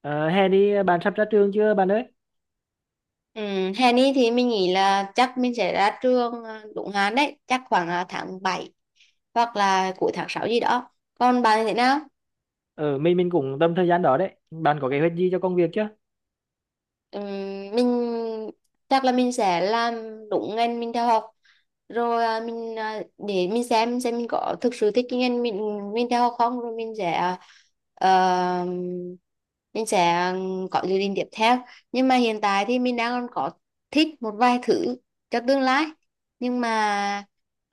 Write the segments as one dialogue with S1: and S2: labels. S1: Ờ, Hè đi bạn sắp ra trường chưa bạn ơi?
S2: Ừ, hè này thì mình nghĩ là chắc mình sẽ ra trường, đúng hạn đấy, chắc khoảng tháng 7 hoặc là cuối tháng 6 gì đó. Còn bạn thì thế nào?
S1: Mình cũng tầm thời gian đó đấy. Bạn có kế hoạch gì cho công việc chưa?
S2: Ừm, mình chắc là mình sẽ làm đúng ngành mình theo học rồi, để mình xem mình có thực sự thích cái ngành mình theo học không, rồi mình ờ, sẽ có dự định tiếp theo. Nhưng mà hiện tại thì mình đang còn có thích một vài thứ cho tương lai, nhưng mà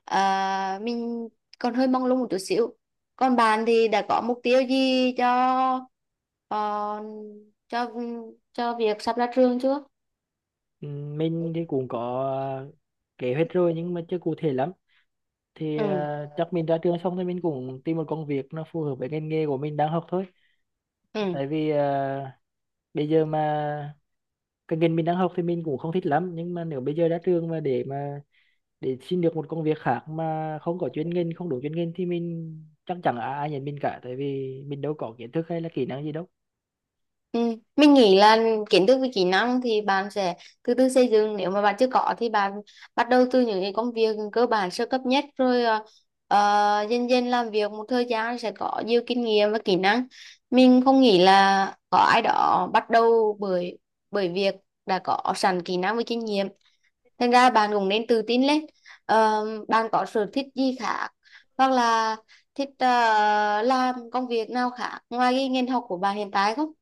S2: mình còn hơi mong lung một chút xíu. Còn bạn thì đã có mục tiêu gì cho ờ, cho cho việc sắp ra trường chưa?
S1: Ừ, mình thì cũng có ờ, kế hoạch rồi, nhưng mà chưa cụ thể lắm. Thì
S2: Ừ.
S1: chắc mình ra trường xong thì mình cũng tìm một công việc nó phù hợp với ngành nghề của mình đang học thôi.
S2: Ừ.
S1: Tại vì bây giờ mà cái ngành mình đang học thì mình cũng không thích lắm, nhưng mà nếu bây giờ ra trường mà để xin được một công việc khác mà không có chuyên ngành, không đủ chuyên ngành thì mình chắc chẳng ai ai nhận mình cả, tại vì mình đâu có kiến thức hay là kỹ năng gì đâu.
S2: Ừ. Mình nghĩ là kiến thức với kỹ năng thì bạn sẽ từ từ xây dựng, nếu mà bạn chưa có thì bạn bắt đầu từ những cái công việc cơ bản sơ cấp nhất, rồi dần dần làm việc một thời gian sẽ có nhiều kinh nghiệm và kỹ năng. Mình không nghĩ là có ai đó bắt đầu bởi bởi việc đã có sẵn kỹ năng với kinh nghiệm, thành ra bạn cũng nên tự tin lên. Ờ, bạn có sở thích gì khác, hoặc là thích làm công việc nào khác ngoài cái ngành học của bạn hiện tại không?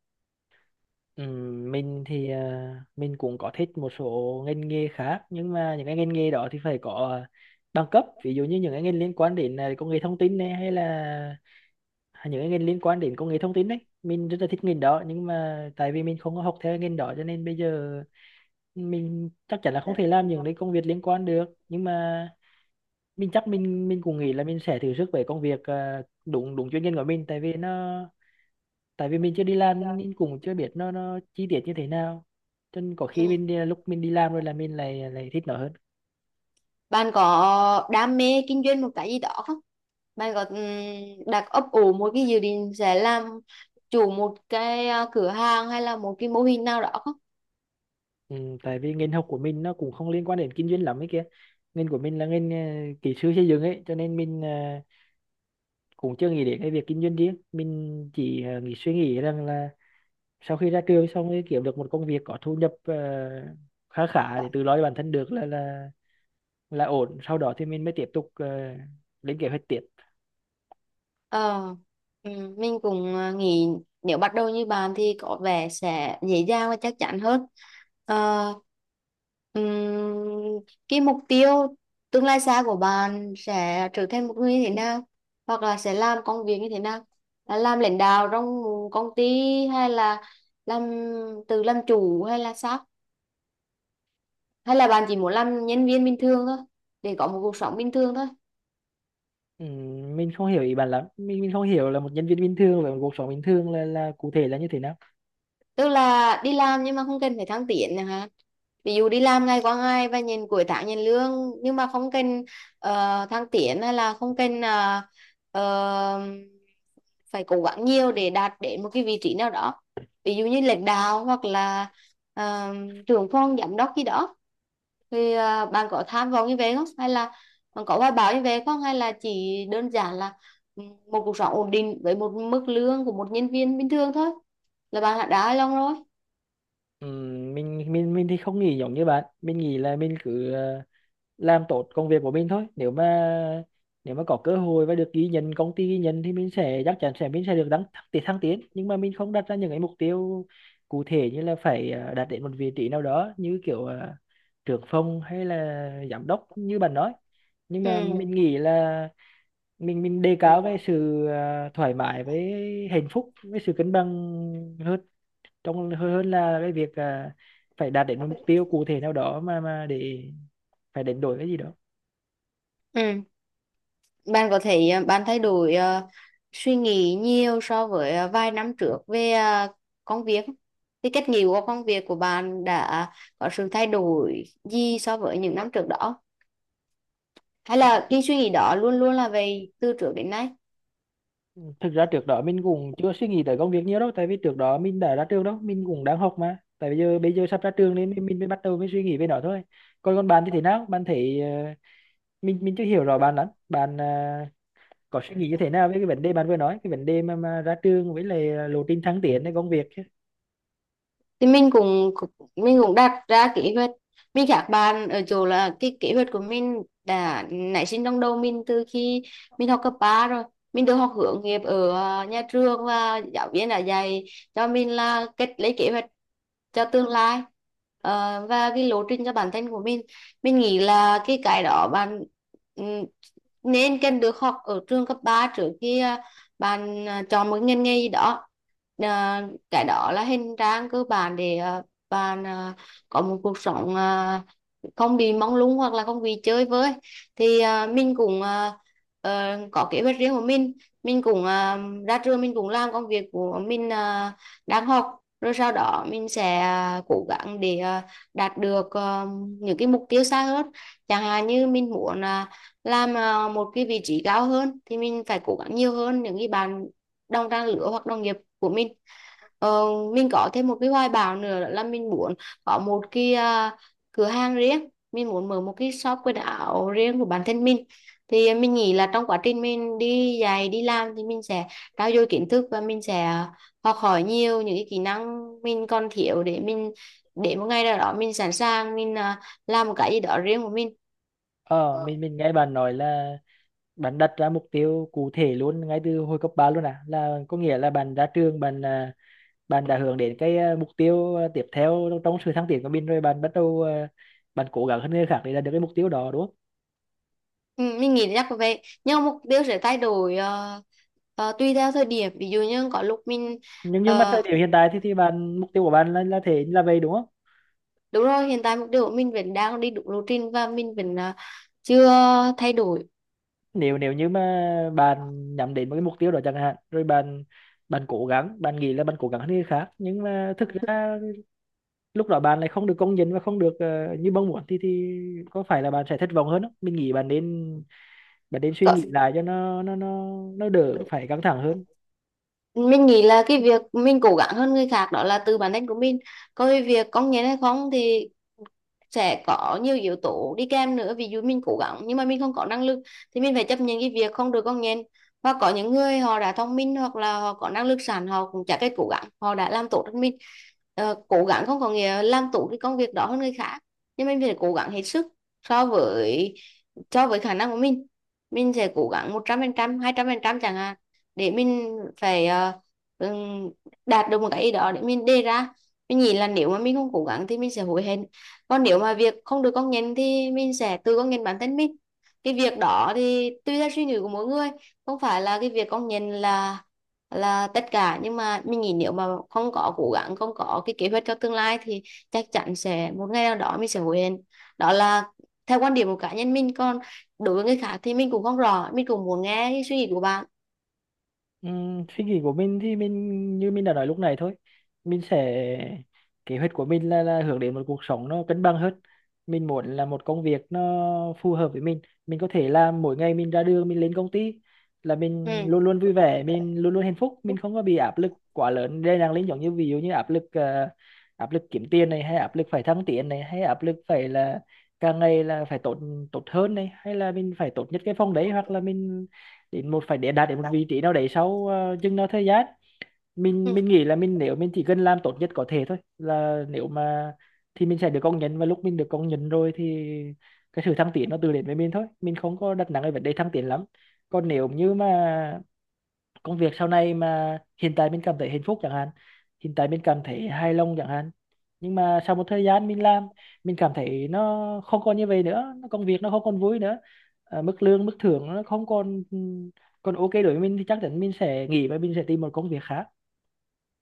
S1: Mình thì mình cũng có thích một số ngành nghề khác, nhưng mà những cái ngành nghề đó thì phải có bằng cấp, ví dụ như những cái ngành liên quan đến công nghệ thông tin này, hay là những cái ngành liên quan đến công nghệ thông tin đấy mình rất là thích ngành đó, nhưng mà tại vì mình không có học theo ngành đó cho nên bây giờ mình chắc chắn là không thể làm những cái công việc liên quan được. Nhưng mà mình chắc mình cũng nghĩ là mình sẽ thử sức với công việc à, đúng đúng chuyên ngành của mình, tại vì mình chưa đi làm nên cũng chưa biết nó chi tiết như thế nào, cho nên có khi mình
S2: Ừ.
S1: đi, lúc mình đi làm rồi là mình lại lại thích nó hơn.
S2: Bạn có đam mê kinh doanh một cái gì đó không? Bạn có đặt ấp ủ một cái dự định sẽ làm chủ một cửa hàng hay là một cái mô hình nào đó không?
S1: Ừ, tại vì ngành học của mình nó cũng không liên quan đến kinh doanh lắm ấy kia. Ngành của mình là ngành kỹ sư xây dựng ấy, cho nên mình cũng chưa nghĩ đến cái việc kinh doanh riêng. Mình chỉ ờ, nghĩ suy nghĩ rằng là sau khi ra trường xong rồi kiếm được một công việc có thu nhập khá khá để tự lo cho bản thân được là ổn, sau đó thì mình mới tiếp tục lên kế hoạch tiếp.
S2: Ờ, ừ, mình cũng nghĩ nếu bắt đầu như bạn thì có vẻ sẽ dễ dàng và chắc chắn hơn. Ờ, ừm, cái mục tiêu tương lai xa của bạn sẽ trở thành một người như thế nào? Hoặc là sẽ làm công việc như thế nào? Là làm lãnh đạo trong công ty, hay là làm tự làm chủ hay là sao? Hay là bạn chỉ muốn làm nhân viên bình thường thôi, để có một cuộc sống bình thường thôi?
S1: Ừ, mình không hiểu ý bạn lắm, mình không hiểu là một nhân viên bình thường và một cuộc sống bình thường là cụ thể là như thế nào.
S2: Tức là đi làm nhưng mà không cần phải thăng tiến nữa hả? Ví dụ đi làm ngày qua ngày và nhìn cuối tháng nhìn lương, nhưng mà không cần thăng tiến, hay là không cần ờ, phải cố gắng nhiều để đạt đến một cái vị trí nào đó, ví dụ như lãnh đạo hoặc là ờ, trưởng phòng giám đốc gì đó? Thì bạn có tham vọng như vậy không, hay là bạn có hoài bão như vậy không, hay là chỉ đơn giản là ừ, một cuộc sống ổn định với một mức lương của một nhân viên bình thường thôi là bạn đã đá long rồi?
S1: Ừ, mình thì không nghĩ giống như bạn. Mình nghĩ là mình cứ làm tốt công việc của mình thôi, nếu mà có cơ hội và được ghi nhận, công ty ghi nhận, thì mình sẽ, chắc chắn sẽ, mình sẽ được đăng thăng tiến nhưng mà mình không đặt ra những cái mục tiêu cụ thể, như là phải đạt đến một vị trí nào đó, như kiểu trưởng phòng hay là giám đốc như bạn nói. Nhưng
S2: Ừ.
S1: mà mình nghĩ là mình đề cao cái
S2: Ừ.
S1: sự thoải mái với hạnh phúc với sự cân bằng hơn, trong hơn hơn là cái việc phải đạt đến một mục tiêu cụ thể nào đó, mà để phải đánh đổi cái gì đó.
S2: Ừ. Bạn có thể bạn thay đổi suy nghĩ nhiều so với vài năm trước về công việc, thì cách nghĩ của công việc của bạn đã có sự thay đổi gì so với những năm trước đó, hay là cái suy nghĩ đó luôn luôn là về từ trước đến nay?
S1: Thực ra trước đó mình cũng chưa suy nghĩ tới công việc nhiều đâu, tại vì trước đó mình đã ra trường đâu, mình cũng đang học mà. Tại bây giờ sắp ra trường nên mình mới bắt đầu mới suy nghĩ về nó thôi. Còn còn bạn thì thế nào? Bạn thấy, mình chưa hiểu rõ bạn lắm. Bạn có suy nghĩ như thế nào về cái vấn đề bạn vừa nói, cái vấn đề mà ra trường với lại lộ trình thăng tiếnในcông việc?
S2: Thì mình cũng đặt ra kế hoạch. Mình khác bạn ở chỗ là cái kế hoạch của mình đã nảy sinh trong đầu mình từ khi mình học cấp 3 rồi. Mình được học hướng nghiệp ở nhà trường, và giáo viên đã dạy cho mình là cách lấy kế hoạch cho tương lai. Và cái lộ trình cho bản thân của mình nghĩ là cái đó bạn ừm, nên cần được học ở trường cấp 3 trước khi bạn chọn một ngành nghề gì đó. Ờ, cái đó là hình trang cơ bản để bạn có một cuộc sống không bị mông lung hoặc là không bị chơi với. Thì mình cũng có kế hoạch riêng của mình. Mình cũng ra trường mình cũng làm công việc của mình đang học, rồi sau đó mình sẽ cố gắng để đạt được những cái mục tiêu xa hơn. Chẳng hạn như mình muốn làm một cái vị trí cao hơn thì mình phải cố gắng nhiều hơn những cái bạn đồng trang lứa hoặc đồng nghiệp của mình. Ờ, mình có thêm một cái hoài bão nữa, đó là mình muốn có một cửa hàng riêng, mình muốn mở một cái shop quần áo riêng của bản thân mình. Thì mình nghĩ là trong quá trình mình đi dạy đi làm thì mình sẽ trau dồi kiến thức, và mình sẽ học hỏi nhiều những cái kỹ năng mình còn thiếu, để một ngày nào đó mình sẵn sàng mình làm một cái gì đó riêng của mình.
S1: Ờ,
S2: Ờ.
S1: mình mình nghe bạn nói là bạn đặt ra mục tiêu cụ thể luôn ngay từ hồi cấp 3 luôn à? Là có nghĩa là bạn ra trường, bạn đã hướng đến cái, mục tiêu, tiếp theo trong trong sự thăng tiến của mình, rồi bạn bắt đầu, à, bạn cố gắng hơn người khác để đạt được cái mục tiêu đó đúng không?
S2: Ừ, mình nghĩ chắc là vậy, nhưng mà mục tiêu sẽ thay đổi tùy theo thời điểm, ví dụ như có lúc mình.
S1: Nhưng mà thời
S2: ờ,
S1: điểm hiện tại thì bạn, mục tiêu của bạn là thế là vậy đúng không?
S2: Đúng rồi, hiện tại mục tiêu của mình vẫn đang đi đúng lộ trình và mình vẫn chưa thay đổi.
S1: Nếu nếu như mà bạn nhắm đến một cái mục tiêu đó chẳng hạn, rồi bạn, cố gắng, bạn nghĩ là bạn cố gắng hơn người khác, nhưng mà thực ra lúc đó bạn lại không được công nhận và không được như mong muốn, thì có phải là bạn sẽ thất vọng hơn không? Mình nghĩ bạn nên, suy
S2: Có-
S1: nghĩ lại cho nó đỡ phải căng thẳng hơn.
S2: Mình nghĩ là cái việc mình cố gắng hơn người khác đó là từ bản thân của mình. Còn cái việc công nhận hay không thì sẽ có nhiều yếu tố đi kèm nữa, ví dụ mình cố gắng nhưng mà mình không có năng lực thì mình phải chấp nhận cái việc không được con nhện. Và có những người họ đã thông minh, hoặc là họ có năng lực sẵn, họ cũng chả cái cố gắng họ đã làm tốt hơn mình. Ờ, cố gắng không có nghĩa làm tốt cái công việc đó hơn người khác, nhưng mình phải cố gắng hết sức so với cho với khả năng của mình. Mình sẽ cố gắng một trăm trăm, trăm phần 200% chẳng hạn, để mình phải ừm, đạt được một cái ý đó để mình đề ra. Mình nghĩ là nếu mà mình không cố gắng thì mình sẽ hối hận, còn nếu mà việc không được công nhận thì mình sẽ tự công nhận bản thân mình. Cái việc đó thì tùy theo suy nghĩ của mỗi người, không phải là cái việc công nhận là tất cả. Nhưng mà mình nghĩ, nếu mà không có cố gắng, không có cái kế hoạch cho tương lai thì chắc chắn sẽ một ngày nào đó mình sẽ hối hận. Đó là theo quan điểm của cá nhân mình, còn đối với người khác thì mình cũng không rõ, mình cũng muốn nghe cái suy nghĩ của bạn.
S1: Suy nghĩ của mình thì mình như mình đã nói lúc này thôi, mình sẽ, kế hoạch của mình là hướng đến một cuộc sống nó cân bằng hơn. Mình muốn là một công việc nó phù hợp với mình có thể làm. Mỗi ngày mình ra đường, mình lên công ty là mình
S2: Ừ.
S1: luôn luôn vui vẻ, mình luôn luôn hạnh phúc, mình không có bị áp lực quá lớn đây đang lên, giống như ví dụ như áp lực, áp lực kiếm tiền này, hay áp lực phải thăng tiến này, hay áp lực phải là càng ngày là phải tốt, tốt hơn này, hay là mình phải tốt nhất cái phòng đấy, hoặc là mình đến một phải để đạt đến một vị trí nào đấy sau chừng nào thời gian.
S2: Ừ.
S1: Mình nghĩ là mình, nếu mình chỉ cần làm tốt nhất có thể thôi là, nếu mà thì mình sẽ được công nhận, và lúc mình được công nhận rồi thì cái sự thăng tiến nó tự đến với mình thôi, mình không có đặt nặng cái vấn đề thăng tiến lắm. Còn nếu như mà công việc sau này mà hiện tại mình cảm thấy hạnh phúc chẳng hạn, hiện tại mình cảm thấy hài lòng chẳng hạn, nhưng mà sau một thời gian mình làm mình cảm thấy nó không còn như vậy nữa, nó, công việc nó không còn vui nữa, mức lương mức thưởng nó không còn còn ok đối với mình, thì chắc chắn mình sẽ nghỉ và mình sẽ tìm một công việc khác.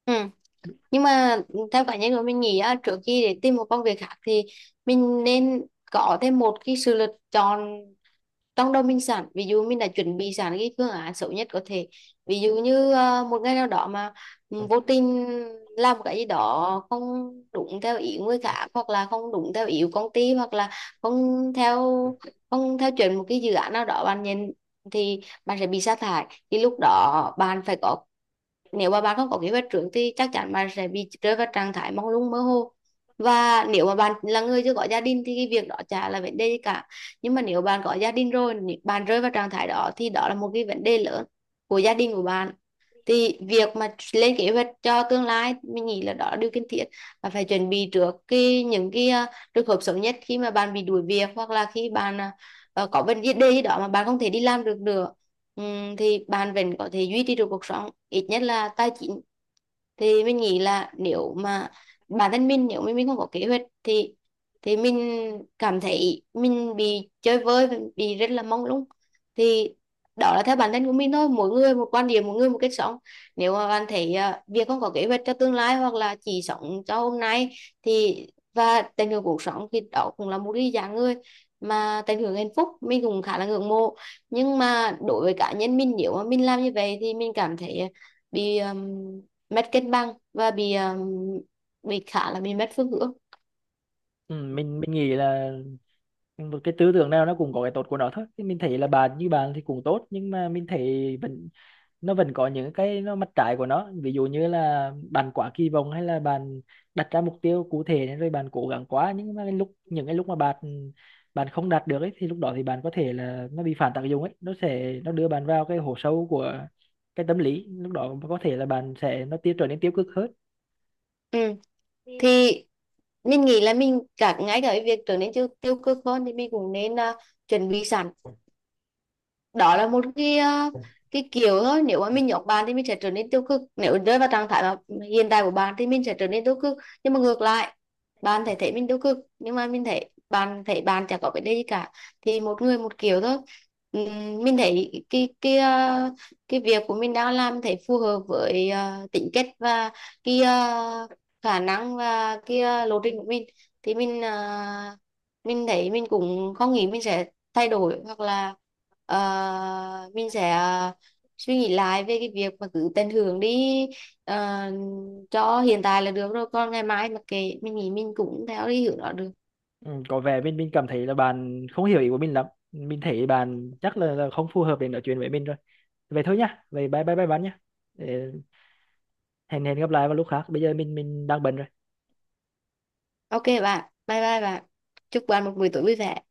S2: Ừ. Nhưng mà theo cá nhân của mình nghĩ á, trước khi để tìm một công việc khác thì mình nên có thêm một cái sự lựa chọn trong đầu mình sẵn. Ví dụ mình đã chuẩn bị sẵn cái phương án xấu nhất có thể, ví dụ như một ngày nào đó mà vô tình làm cái gì đó không đúng theo ý người khác, hoặc là không đúng theo ý của công ty, hoặc là không theo không theo chuẩn một cái dự án nào đó bạn nhìn, thì bạn sẽ bị sa thải. Thì lúc đó bạn phải có, nếu mà bạn không có kế hoạch trước thì chắc chắn bạn sẽ bị rơi vào trạng thái mông lung mơ hồ. Và nếu mà bạn là người chưa có gia đình thì cái việc đó chả là vấn đề gì cả, nhưng mà nếu bạn có gia đình rồi, bạn rơi vào trạng thái đó thì đó là một cái vấn đề lớn của gia đình của bạn. Thì việc mà lên kế hoạch cho tương lai, mình nghĩ là đó là điều cần thiết, và phải chuẩn bị trước những cái trường hợp xấu nhất khi mà bạn bị đuổi việc, hoặc là khi bạn có vấn đề gì đó mà bạn không thể đi làm được nữa. Thì bạn vẫn có thể duy trì được cuộc sống ít nhất là tài chính. Thì mình nghĩ là nếu mà bản thân mình, nếu mà mình không có kế hoạch thì mình cảm thấy mình bị chơi vơi, bị rất là mông lung. Thì đó là theo bản thân của mình thôi, mỗi người một quan điểm, mỗi người một cách sống. Nếu mà bạn thấy việc không có kế hoạch cho tương lai, hoặc là chỉ sống cho hôm nay thì và tận hưởng cuộc sống, thì đó cũng là một cái dạng người mà tận hưởng hạnh phúc, mình cũng khá là ngưỡng mộ. Nhưng mà đối với cá nhân mình, nếu mà mình làm như vậy thì mình cảm thấy bị mất cân bằng, và bị khá là bị mất phương hướng.
S1: Ừ, mình nghĩ là một cái tư tưởng nào nó cũng có cái tốt của nó thôi. Thì mình thấy là bạn như bạn thì cũng tốt, nhưng mà mình thấy vẫn, nó vẫn có những cái, nó mặt trái của nó, ví dụ như là bạn quá kỳ vọng hay là bạn đặt ra mục tiêu cụ thể nên rồi bạn cố gắng quá, nhưng mà cái lúc, mà bạn bạn không đạt được ấy thì lúc đó thì bạn có thể là nó bị phản tác dụng ấy, nó sẽ, đưa bạn vào cái hố sâu của cái tâm lý, lúc đó có thể là bạn sẽ, nó tiêu trở nên tiêu cực hơn.
S2: Ừ.
S1: Ừ.
S2: Thì mình nghĩ là mình ngay cả cái việc trở nên tiêu tiêu cực hơn thì mình cũng nên chuẩn bị sẵn. Đó là một cái kiểu thôi, nếu mà mình nhốt bạn thì mình sẽ trở nên tiêu cực, nếu rơi vào trạng thái mà hiện tại của bạn thì mình sẽ trở nên tiêu cực. Nhưng mà ngược lại, bạn thể thấy mình tiêu cực nhưng mà mình thấy bạn chẳng có vấn đề gì cả. Thì một người một kiểu thôi. Mình thấy cái việc của mình đang làm thấy phù hợp với tính cách, và cái ờ, khả năng, và lộ trình của mình. Thì mình thấy mình cũng không nghĩ mình sẽ thay đổi, hoặc là ờ, mình sẽ suy nghĩ lại về cái việc mà cứ tận hưởng đi ờ, cho hiện tại là được rồi, còn ngày mai mà kệ, mình nghĩ mình cũng theo đi hướng đó được.
S1: Ừ, có vẻ mình cảm thấy là bạn không hiểu ý của mình lắm. Mình thấy bạn chắc là không phù hợp để nói chuyện với mình rồi. Vậy thôi nhá, vậy bye bye bye bạn nhá. Để hẹn hẹn gặp lại vào lúc khác, bây giờ mình đang bận rồi.
S2: OK bạn, bye bye bạn, chúc bạn một buổi tối vui vẻ.